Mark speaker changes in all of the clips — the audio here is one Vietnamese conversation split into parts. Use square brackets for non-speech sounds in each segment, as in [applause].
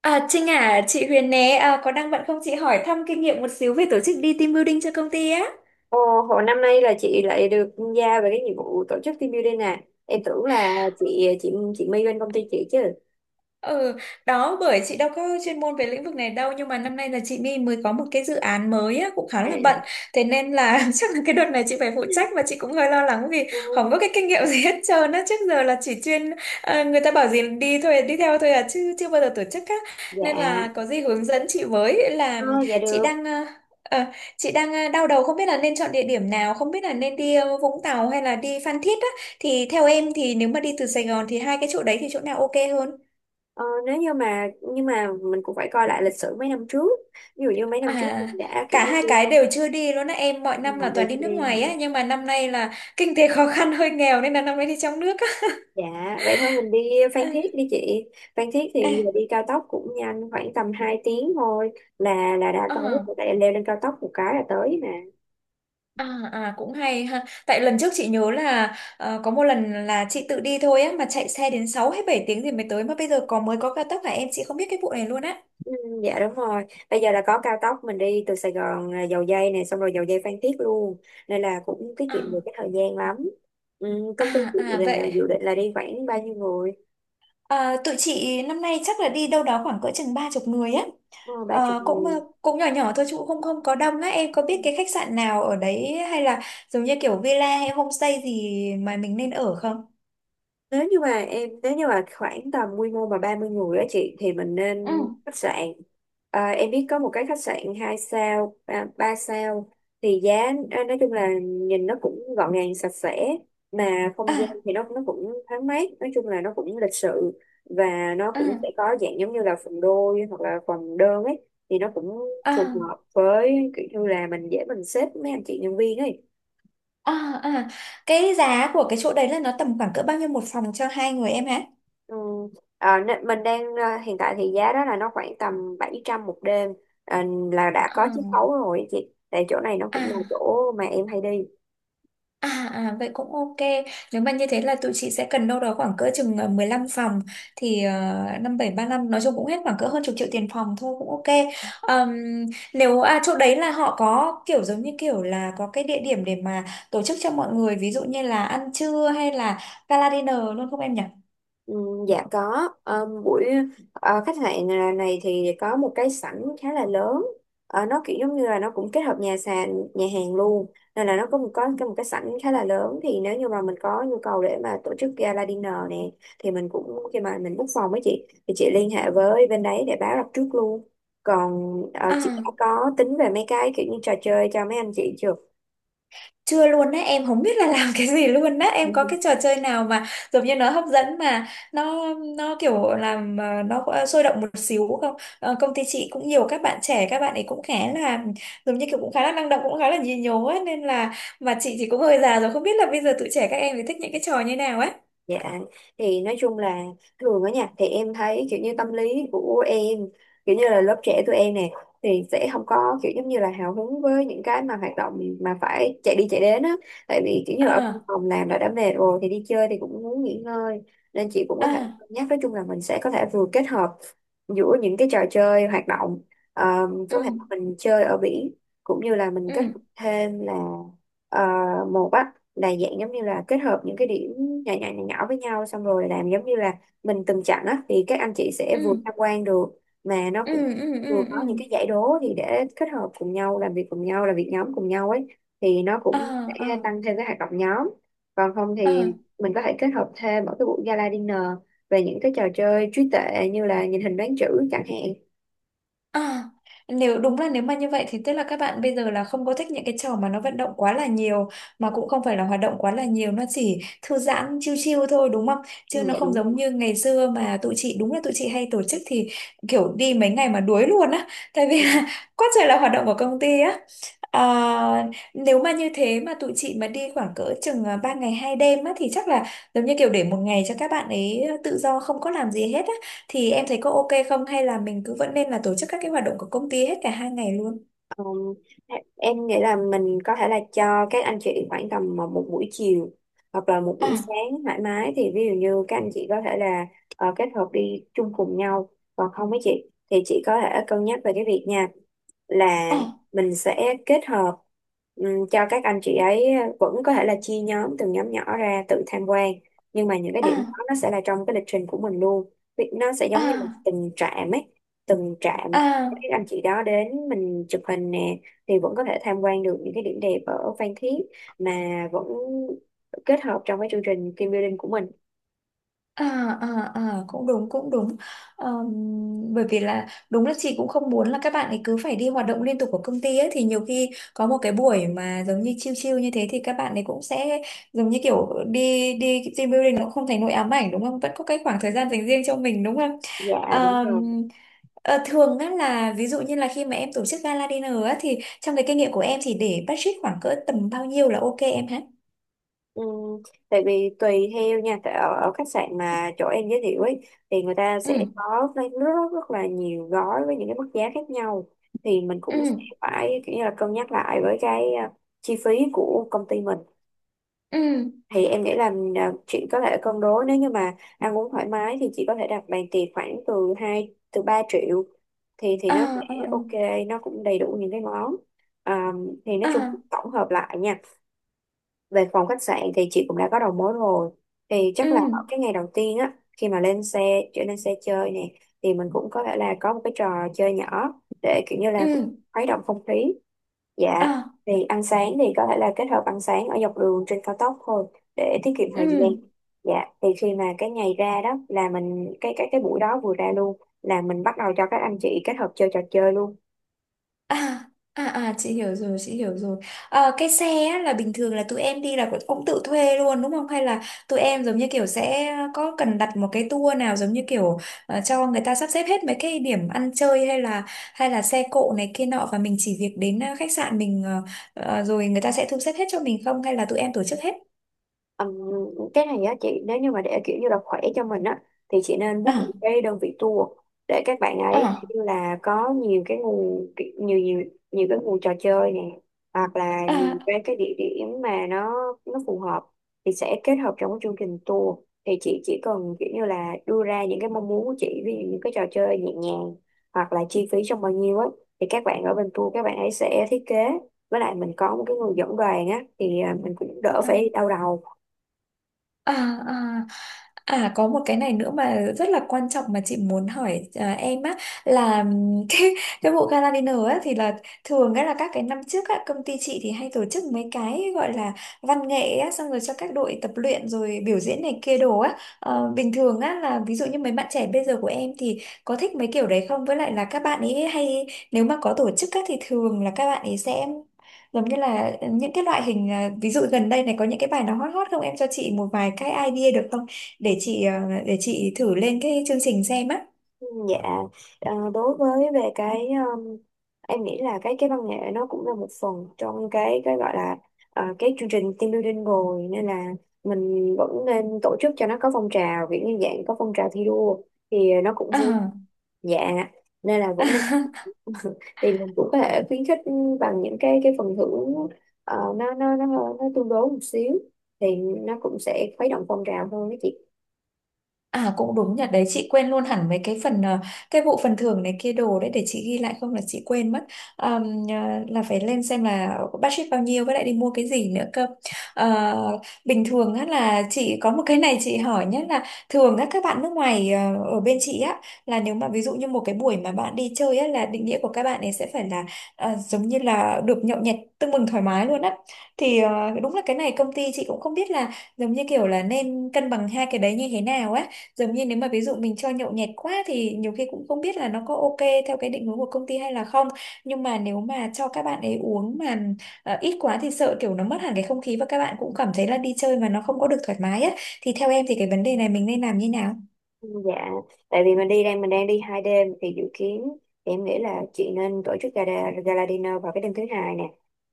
Speaker 1: À, Trinh à, chị Huyền nè, à, có đang bận không chị hỏi thăm kinh nghiệm một xíu về tổ chức đi team building cho công ty á?
Speaker 2: Ồ, hồi năm nay là chị lại được giao về cái nhiệm vụ tổ chức team building nè. Em tưởng là chị My bên công ty chị chứ.
Speaker 1: Ừ, đó bởi chị đâu có chuyên môn về lĩnh vực này đâu, nhưng mà năm nay là chị My mới có một cái dự án mới á, cũng khá
Speaker 2: À.
Speaker 1: là bận, thế nên là [laughs] chắc là cái đợt này chị phải phụ trách và chị cũng hơi lo lắng vì không
Speaker 2: Ừ,
Speaker 1: có cái kinh nghiệm gì hết trơn á, trước giờ là chỉ chuyên người ta bảo gì đi thôi đi theo thôi à chứ chưa bao giờ tổ chức á,
Speaker 2: dạ
Speaker 1: nên là có gì hướng dẫn chị với.
Speaker 2: ờ,
Speaker 1: Là
Speaker 2: dạ
Speaker 1: chị
Speaker 2: được
Speaker 1: đang ờ, chị đang đau đầu không biết là nên chọn địa điểm nào, không biết là nên đi Vũng Tàu hay là đi Phan Thiết á, thì theo em thì nếu mà đi từ Sài Gòn thì hai cái chỗ đấy thì chỗ nào ok hơn?
Speaker 2: ờ, nếu như mà nhưng mà mình cũng phải coi lại lịch sử mấy năm trước, ví dụ như mấy năm trước
Speaker 1: À,
Speaker 2: mình đã kiểu
Speaker 1: cả
Speaker 2: như
Speaker 1: hai
Speaker 2: đi.
Speaker 1: cái đều chưa đi luôn á em, mọi năm là
Speaker 2: Ngồi đều
Speaker 1: toàn đi
Speaker 2: chưa
Speaker 1: nước
Speaker 2: đi hả?
Speaker 1: ngoài á, nhưng mà năm nay là kinh tế [laughs] khó khăn hơi nghèo nên là năm nay đi trong nước á.
Speaker 2: Dạ, vậy thôi mình đi
Speaker 1: [laughs]
Speaker 2: Phan
Speaker 1: À,
Speaker 2: Thiết đi chị. Phan Thiết thì bây giờ
Speaker 1: à,
Speaker 2: đi cao tốc cũng nhanh, khoảng tầm 2 tiếng thôi là đã tới,
Speaker 1: à,
Speaker 2: tại em leo lên cao tốc một cái là tới mà.
Speaker 1: à, à, cũng hay ha, tại lần trước chị nhớ là có một lần là chị tự đi thôi á mà chạy xe đến 6 hay 7 tiếng thì mới tới, mà bây giờ có mới có cao tốc hả em, chị không biết cái vụ này luôn á.
Speaker 2: Ừ, dạ đúng rồi, bây giờ là có cao tốc, mình đi từ Sài Gòn Dầu Giây này, xong rồi Dầu Giây Phan Thiết luôn, nên là cũng tiết
Speaker 1: À,
Speaker 2: kiệm được cái thời gian lắm. Ừ, công ty
Speaker 1: à,
Speaker 2: chị
Speaker 1: à
Speaker 2: là
Speaker 1: vậy.
Speaker 2: dự định là đi khoảng bao nhiêu người?
Speaker 1: À, tụi chị năm nay chắc là đi đâu đó khoảng cỡ chừng 30 người á.
Speaker 2: Ờ, ba chục
Speaker 1: Ờ,
Speaker 2: người.
Speaker 1: cũng nhỏ nhỏ thôi chứ cũng không không có đông á, em có
Speaker 2: Ừ.
Speaker 1: biết cái khách sạn nào ở đấy hay là giống như kiểu villa hay homestay gì mà mình nên ở không?
Speaker 2: Nếu như mà khoảng tầm quy mô mà 30 người á chị thì mình nên
Speaker 1: Ừ.
Speaker 2: khách sạn. Em biết có một cái khách sạn 2 sao ba ba sao thì giá nói chung là nhìn nó cũng gọn gàng sạch sẽ, mà không gian
Speaker 1: À,
Speaker 2: thì nó cũng thoáng mát, nói chung là nó cũng lịch sự, và nó cũng
Speaker 1: à,
Speaker 2: sẽ có dạng giống như là phòng đôi hoặc là phòng đơn ấy, thì nó cũng phù
Speaker 1: à,
Speaker 2: hợp với kiểu như là mình dễ mình xếp mấy anh chị nhân viên ấy.
Speaker 1: à, à. Cái giá của cái chỗ đấy là nó tầm khoảng cỡ bao nhiêu một phòng cho hai người em hả?
Speaker 2: Ừ. À, nên mình đang à, Hiện tại thì giá đó là nó khoảng tầm 700 một đêm, à, là đã có
Speaker 1: À,
Speaker 2: chiết khấu rồi chị, tại chỗ này nó cũng là
Speaker 1: à.
Speaker 2: chỗ mà em hay đi.
Speaker 1: À, à vậy cũng ok. Nếu mà như thế là tụi chị sẽ cần đâu đó khoảng cỡ chừng 15 phòng thì 5735 nói chung cũng hết khoảng cỡ hơn chục triệu tiền phòng thôi, cũng ok. Ờm, Nếu chỗ đấy là họ có kiểu giống như kiểu là có cái địa điểm để mà tổ chức cho mọi người, ví dụ như là ăn trưa hay là gala dinner luôn không em nhỉ?
Speaker 2: Ừ, dạ có. Khách sạn này thì có một cái sảnh khá là lớn. Ờ, nó kiểu giống như là nó cũng kết hợp nhà sàn nhà hàng luôn, nên là nó có một có cái- một cái sảnh khá là lớn, thì nếu như mà mình có nhu cầu để mà tổ chức gala dinner nè, thì mình cũng khi mà mình book phòng với chị thì chị liên hệ với bên đấy để báo đặt trước luôn. Còn chị đã
Speaker 1: À.
Speaker 2: có tính về mấy cái kiểu như trò chơi cho mấy anh chị chưa?
Speaker 1: Chưa luôn á, em không biết là làm cái gì luôn á, em có cái trò chơi nào mà giống như nó hấp dẫn mà nó kiểu làm nó có sôi động một xíu không? Ờ, công ty chị cũng nhiều các bạn trẻ, các bạn ấy cũng khá là giống như kiểu cũng khá là năng động, cũng khá là nhí nhố ấy, nên là mà chị thì cũng hơi già rồi, không biết là bây giờ tụi trẻ các em thì thích những cái trò như nào ấy.
Speaker 2: Dạ, thì nói chung là thường ở nhà thì em thấy kiểu như tâm lý của em, kiểu như là lớp trẻ tụi em nè, thì sẽ không có kiểu giống như là hào hứng với những cái mà hoạt động mà phải chạy đi chạy đến á. Tại vì kiểu như ở văn
Speaker 1: À,
Speaker 2: phòng làm đã mệt rồi thì đi chơi thì cũng muốn nghỉ ngơi. Nên chị cũng có thể
Speaker 1: à,
Speaker 2: cân nhắc, nói chung là mình sẽ có thể vừa kết hợp giữa những cái trò chơi hoạt động,
Speaker 1: ừ,
Speaker 2: có thể mình chơi ở biển, cũng như là mình kết
Speaker 1: ừ,
Speaker 2: hợp thêm là ờ, một á, là dạng giống như là kết hợp những cái điểm nhỏ nhỏ nhỏ nhỏ với nhau, xong rồi làm giống như là mình từng chặng á, thì các anh chị sẽ vừa
Speaker 1: ừ,
Speaker 2: tham quan được, mà nó
Speaker 1: ừ,
Speaker 2: cũng
Speaker 1: ừ, ừ,
Speaker 2: vừa
Speaker 1: ừ,
Speaker 2: có những
Speaker 1: ừ,
Speaker 2: cái giải đố thì để kết hợp cùng nhau, làm việc cùng nhau, làm việc nhóm cùng nhau ấy, thì nó
Speaker 1: à,
Speaker 2: cũng sẽ
Speaker 1: à,
Speaker 2: tăng thêm cái hoạt động nhóm. Còn không
Speaker 1: à.
Speaker 2: thì mình có thể kết hợp thêm ở cái buổi gala dinner về những cái trò chơi trí tuệ, như là nhìn hình đoán chữ chẳng hạn.
Speaker 1: À, nếu đúng là nếu mà như vậy thì tức là các bạn bây giờ là không có thích những cái trò mà nó vận động quá là nhiều, mà cũng không phải là hoạt động quá là nhiều, nó chỉ thư giãn chill chill thôi đúng không? Chứ
Speaker 2: Ừ,
Speaker 1: nó
Speaker 2: dạ
Speaker 1: không
Speaker 2: đúng
Speaker 1: giống
Speaker 2: rồi.
Speaker 1: như ngày xưa mà tụi chị, đúng là tụi chị hay tổ chức thì kiểu đi mấy ngày mà đuối luôn á, tại vì
Speaker 2: Ừ.
Speaker 1: là [laughs] quá trời là hoạt động của công ty á. À, nếu mà như thế mà tụi chị mà đi khoảng cỡ chừng 3 ngày 2 đêm á thì chắc là giống như kiểu để một ngày cho các bạn ấy tự do không có làm gì hết á thì em thấy có ok không, hay là mình cứ vẫn nên là tổ chức các cái hoạt động của công ty hết cả hai ngày luôn?
Speaker 2: Ờ, em nghĩ là mình có thể là cho các anh chị khoảng tầm một một buổi chiều, hoặc là một buổi
Speaker 1: À,
Speaker 2: sáng thoải mái, thì ví dụ như các anh chị có thể là kết hợp đi chung cùng nhau. Còn không với chị thì chị có thể cân nhắc về cái việc nha, là
Speaker 1: à,
Speaker 2: mình sẽ kết hợp, cho các anh chị ấy vẫn có thể là chia nhóm, từng nhóm nhỏ ra tự tham quan, nhưng mà những cái điểm
Speaker 1: à,
Speaker 2: đó nó sẽ là trong cái lịch trình của mình luôn. Vì nó sẽ giống như một
Speaker 1: à,
Speaker 2: từng trạm ấy, từng trạm các
Speaker 1: à.
Speaker 2: anh chị đó đến mình chụp hình nè, thì vẫn có thể tham quan được những cái điểm đẹp ở Phan Thiết, mà vẫn kết hợp trong cái chương trình team building của mình.
Speaker 1: À, à, à, cũng đúng cũng đúng. Ờm, Bởi vì là đúng là chị cũng không muốn là các bạn ấy cứ phải đi hoạt động liên tục của công ty ấy, thì nhiều khi có một cái buổi mà giống như chill chill như thế thì các bạn ấy cũng sẽ giống như kiểu đi đi team building nó cũng không thành nỗi ám ảnh đúng không, vẫn có cái khoảng thời gian dành riêng cho mình đúng không.
Speaker 2: Dạ đúng rồi.
Speaker 1: Ờm, Thường á là ví dụ như là khi mà em tổ chức gala dinner á thì trong cái kinh nghiệm của em thì để budget khoảng cỡ tầm bao nhiêu là ok em hả?
Speaker 2: Ừm, Tại vì tùy theo nha, tại ở khách sạn mà chỗ em giới thiệu ấy, thì người ta sẽ
Speaker 1: Ừ,
Speaker 2: có rất, rất rất là nhiều gói với những cái mức giá khác nhau, thì mình
Speaker 1: ừ,
Speaker 2: cũng sẽ phải kiểu như là cân nhắc lại với cái chi phí của công ty mình.
Speaker 1: ừ,
Speaker 2: Thì em nghĩ là chị có thể cân đối, nếu như mà ăn uống thoải mái thì chị có thể đặt bàn tiệc khoảng từ 2 từ 3 triệu, thì
Speaker 1: à,
Speaker 2: nó sẽ
Speaker 1: à,
Speaker 2: ok, nó cũng đầy đủ những cái món. à, thì nói
Speaker 1: à,
Speaker 2: chung
Speaker 1: à.
Speaker 2: tổng hợp lại nha, về phòng khách sạn thì chị cũng đã có đầu mối rồi, thì
Speaker 1: Ừ,
Speaker 2: chắc là ở cái ngày đầu tiên á, khi mà lên xe chơi nè, thì mình cũng có thể là có một cái trò chơi nhỏ để kiểu như
Speaker 1: ừ,
Speaker 2: là khuấy động không khí. Dạ,
Speaker 1: à,
Speaker 2: thì ăn sáng thì có thể là kết hợp ăn sáng ở dọc đường trên cao tốc thôi, để tiết kiệm
Speaker 1: ừ,
Speaker 2: thời gian. Dạ, thì khi mà cái ngày ra đó là mình cái buổi đó vừa ra luôn là mình bắt đầu cho các anh chị kết hợp chơi trò chơi luôn.
Speaker 1: à, à, à, chị hiểu rồi chị hiểu rồi. Ờ, cái xe á, là bình thường là tụi em đi là cũng tự thuê luôn đúng không, hay là tụi em giống như kiểu sẽ có cần đặt một cái tour nào giống như kiểu cho người ta sắp xếp hết mấy cái điểm ăn chơi, hay là xe cộ này kia nọ và mình chỉ việc đến khách sạn mình, rồi người ta sẽ thu xếp hết cho mình, không hay là tụi em tổ chức hết?
Speaker 2: Ừm, cái này á chị, nếu như mà để kiểu như là khỏe cho mình á, thì chị nên book một
Speaker 1: À,
Speaker 2: cái đơn vị tour, để các bạn ấy kiểu
Speaker 1: à,
Speaker 2: như là có nhiều nhiều nhiều cái nguồn trò chơi nè, hoặc là nhiều
Speaker 1: à,
Speaker 2: cái địa điểm mà nó phù hợp, thì sẽ kết hợp trong cái chương trình tour. Thì chị chỉ cần kiểu như là đưa ra những cái mong muốn của chị, ví dụ những cái trò chơi nhẹ nhàng, hoặc là chi phí trong bao nhiêu á, thì các bạn ở bên tour các bạn ấy sẽ thiết kế, với lại mình có một cái người dẫn đoàn á, thì mình cũng đỡ
Speaker 1: à.
Speaker 2: phải đau đầu.
Speaker 1: À, à, à có một cái này nữa mà rất là quan trọng mà chị muốn hỏi em á, là [laughs] cái bộ gala dinner á thì là thường á là các cái năm trước á công ty chị thì hay tổ chức mấy cái gọi là văn nghệ á, xong rồi cho các đội tập luyện rồi biểu diễn này kia đồ á. Ờ, bình thường á là ví dụ như mấy bạn trẻ bây giờ của em thì có thích mấy kiểu đấy không, với lại là các bạn ấy hay nếu mà có tổ chức á thì thường là các bạn ấy sẽ giống như là những cái loại hình ví dụ gần đây này có những cái bài nào hot hot không, em cho chị một vài cái idea được không, để
Speaker 2: Ừ,
Speaker 1: chị để chị thử lên cái chương trình xem á.
Speaker 2: dạ. Đối với về cái em nghĩ là cái văn nghệ nó cũng là một phần trong cái gọi là cái chương trình team building rồi, nên là mình vẫn nên tổ chức cho nó có phong trào, kiểu như dạng có phong trào thi đua thì nó cũng vui.
Speaker 1: À.
Speaker 2: Dạ, nên là vẫn nên,
Speaker 1: [laughs]
Speaker 2: thì mình cũng có thể khuyến khích bằng những cái phần thưởng, nó tương đối một xíu, thì nó cũng sẽ khuấy động phong trào hơn đó chị.
Speaker 1: À cũng đúng nhỉ, đấy chị quên luôn hẳn mấy cái phần cái vụ phần thưởng này kia đồ đấy, để chị ghi lại không là chị quên mất. Ờm, ờ, là phải lên xem là budget bao nhiêu, với lại đi mua cái gì nữa cơ. Ờ, bình thường á là chị có một cái này chị hỏi nhé, là thường á các bạn nước ngoài ở bên chị á là nếu mà ví dụ như một cái buổi mà bạn đi chơi á là định nghĩa của các bạn ấy sẽ phải là giống như là được nhậu nhẹt tưng bừng thoải mái luôn á. Thì đúng là cái này công ty chị cũng không biết là giống như kiểu là nên cân bằng hai cái đấy như thế nào á, giống như nếu mà ví dụ mình cho nhậu nhẹt quá thì nhiều khi cũng không biết là nó có ok theo cái định hướng của công ty hay là không, nhưng mà nếu mà cho các bạn ấy uống mà ít quá thì sợ kiểu nó mất hẳn cái không khí và các bạn cũng cảm thấy là đi chơi mà nó không có được thoải mái á, thì theo em thì cái vấn đề này mình nên làm như nào?
Speaker 2: Dạ, tại vì mình đang đi 2 đêm thì dự kiến, thì em nghĩ là chị nên tổ chức gala dinner vào cái đêm thứ hai nè,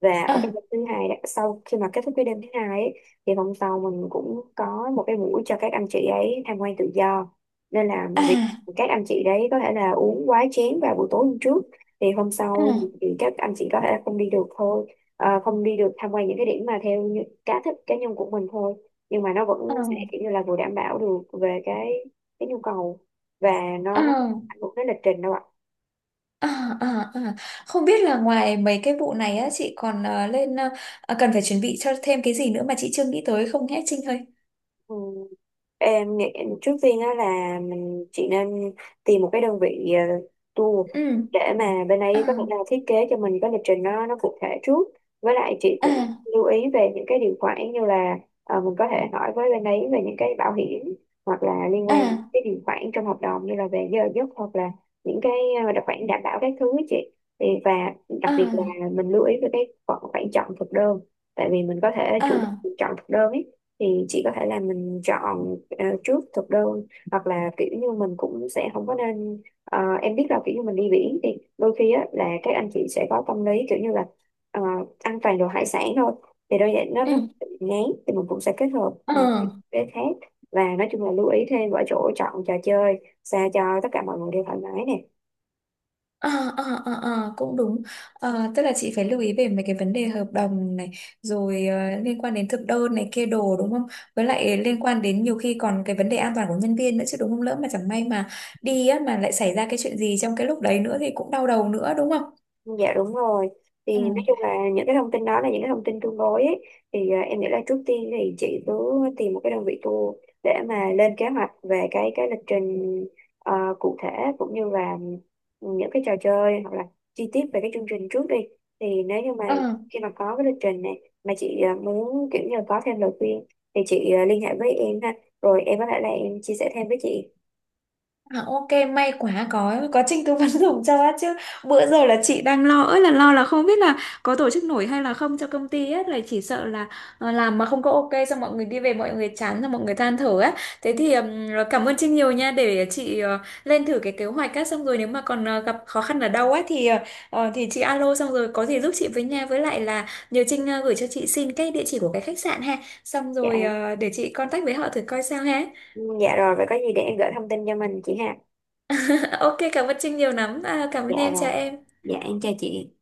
Speaker 2: và ở cái
Speaker 1: À,
Speaker 2: đêm thứ hai đó, sau khi mà kết thúc cái đêm thứ hai ấy, thì hôm sau mình cũng có một cái buổi cho các anh chị ấy tham quan tự do, nên là
Speaker 1: à,
Speaker 2: việc các anh chị đấy có thể là uống quá chén vào buổi tối hôm trước, thì hôm sau thì
Speaker 1: à,
Speaker 2: thì các anh chị có thể là không đi được thôi. Ờ, không đi được tham quan những cái điểm mà theo như cá thích cá nhân của mình thôi, nhưng mà nó
Speaker 1: à,
Speaker 2: vẫn sẽ kiểu như là vừa đảm bảo được về cái nhu cầu, và nó cũng không ảnh hưởng đến lịch trình đâu ạ.
Speaker 1: à, à, à, à. Không biết là ngoài mấy cái vụ này á chị còn cần phải chuẩn bị cho thêm cái gì nữa mà chị chưa nghĩ tới không nhé Trinh ơi?
Speaker 2: Ừ. Em nghĩ trước tiên á là chị nên tìm một cái đơn vị tour
Speaker 1: Ừ,
Speaker 2: để mà bên
Speaker 1: à,
Speaker 2: ấy có thể là thiết kế cho mình cái lịch trình nó cụ thể trước. Với lại chị cũng
Speaker 1: à,
Speaker 2: lưu ý về những cái điều khoản, như là mình có thể hỏi với bên ấy về những cái bảo hiểm, hoặc là liên quan đến
Speaker 1: à,
Speaker 2: cái điều khoản trong hợp đồng, như là về giờ giấc, hoặc là những cái đặc khoản đảm bảo các thứ ấy chị. Và đặc biệt
Speaker 1: à.
Speaker 2: là mình lưu ý về cái khoản khoản chọn thực đơn, tại vì mình có thể
Speaker 1: À,
Speaker 2: chọn thực đơn ấy, thì chị có thể là mình chọn trước thực đơn, hoặc là kiểu như mình cũng sẽ không có nên, em biết là kiểu như mình đi biển thì đôi khi á là các anh chị sẽ có tâm lý kiểu như là ờ, ăn toàn đồ hải sản thôi, thì đôi vậy nó
Speaker 1: ừ,
Speaker 2: bị ngán, thì mình cũng sẽ kết hợp
Speaker 1: ờ,
Speaker 2: với khác. Và nói chung là lưu ý thêm ở chỗ chọn trò chơi sao cho tất cả mọi người đều thoải mái nè.
Speaker 1: ờ, ờ, ờ, ờ, cũng đúng. Ờ, tức là chị phải lưu ý về mấy cái vấn đề hợp đồng này, rồi liên quan đến thực đơn này kia đồ đúng không? Với lại liên quan đến nhiều khi còn cái vấn đề an toàn của nhân viên nữa chứ đúng không? Lỡ mà chẳng may mà đi á, mà lại xảy ra cái chuyện gì trong cái lúc đấy nữa thì cũng đau đầu nữa đúng không?
Speaker 2: Dạ đúng rồi. Thì
Speaker 1: Ừ.
Speaker 2: nói chung là những cái thông tin đó là những cái thông tin tương đối ấy. Thì em nghĩ là trước tiên thì chị cứ tìm một cái đơn vị tour, để mà lên kế hoạch về cái lịch trình, ờ, cụ thể, cũng như là những cái trò chơi, hoặc là chi tiết về cái chương trình trước đi. Thì nếu như mà
Speaker 1: Ờ.
Speaker 2: khi mà có cái lịch trình này mà chị muốn kiểu như là có thêm lời khuyên, thì chị liên hệ với em ha. Rồi em có thể là em chia sẻ thêm với chị.
Speaker 1: À, ok, may quá có Trinh tư vấn [laughs] dùm cho á, chứ bữa giờ là chị đang lo ơi là lo, là không biết là có tổ chức nổi hay là không cho công ty ấy, là chỉ sợ là làm mà không có ok xong mọi người đi về mọi người chán rồi mọi người than thở á.
Speaker 2: Ừ.
Speaker 1: Thế thì cảm ơn Trinh nhiều nha, để chị lên thử cái kế hoạch á, xong rồi nếu mà còn gặp khó khăn ở đâu á thì thì chị alo xong rồi có gì giúp chị với nha, với lại là nhờ Trinh gửi cho chị xin cái địa chỉ của cái khách sạn ha, xong
Speaker 2: Dạ.
Speaker 1: rồi để chị contact với họ thử coi sao ha.
Speaker 2: Ừ, dạ rồi, vậy có gì để em gửi thông tin cho mình chị ha.
Speaker 1: [laughs] Ok, cảm ơn Trinh nhiều lắm. À, cảm ơn
Speaker 2: Dạ
Speaker 1: em,
Speaker 2: rồi.
Speaker 1: chào em.
Speaker 2: Dạ em chào chị.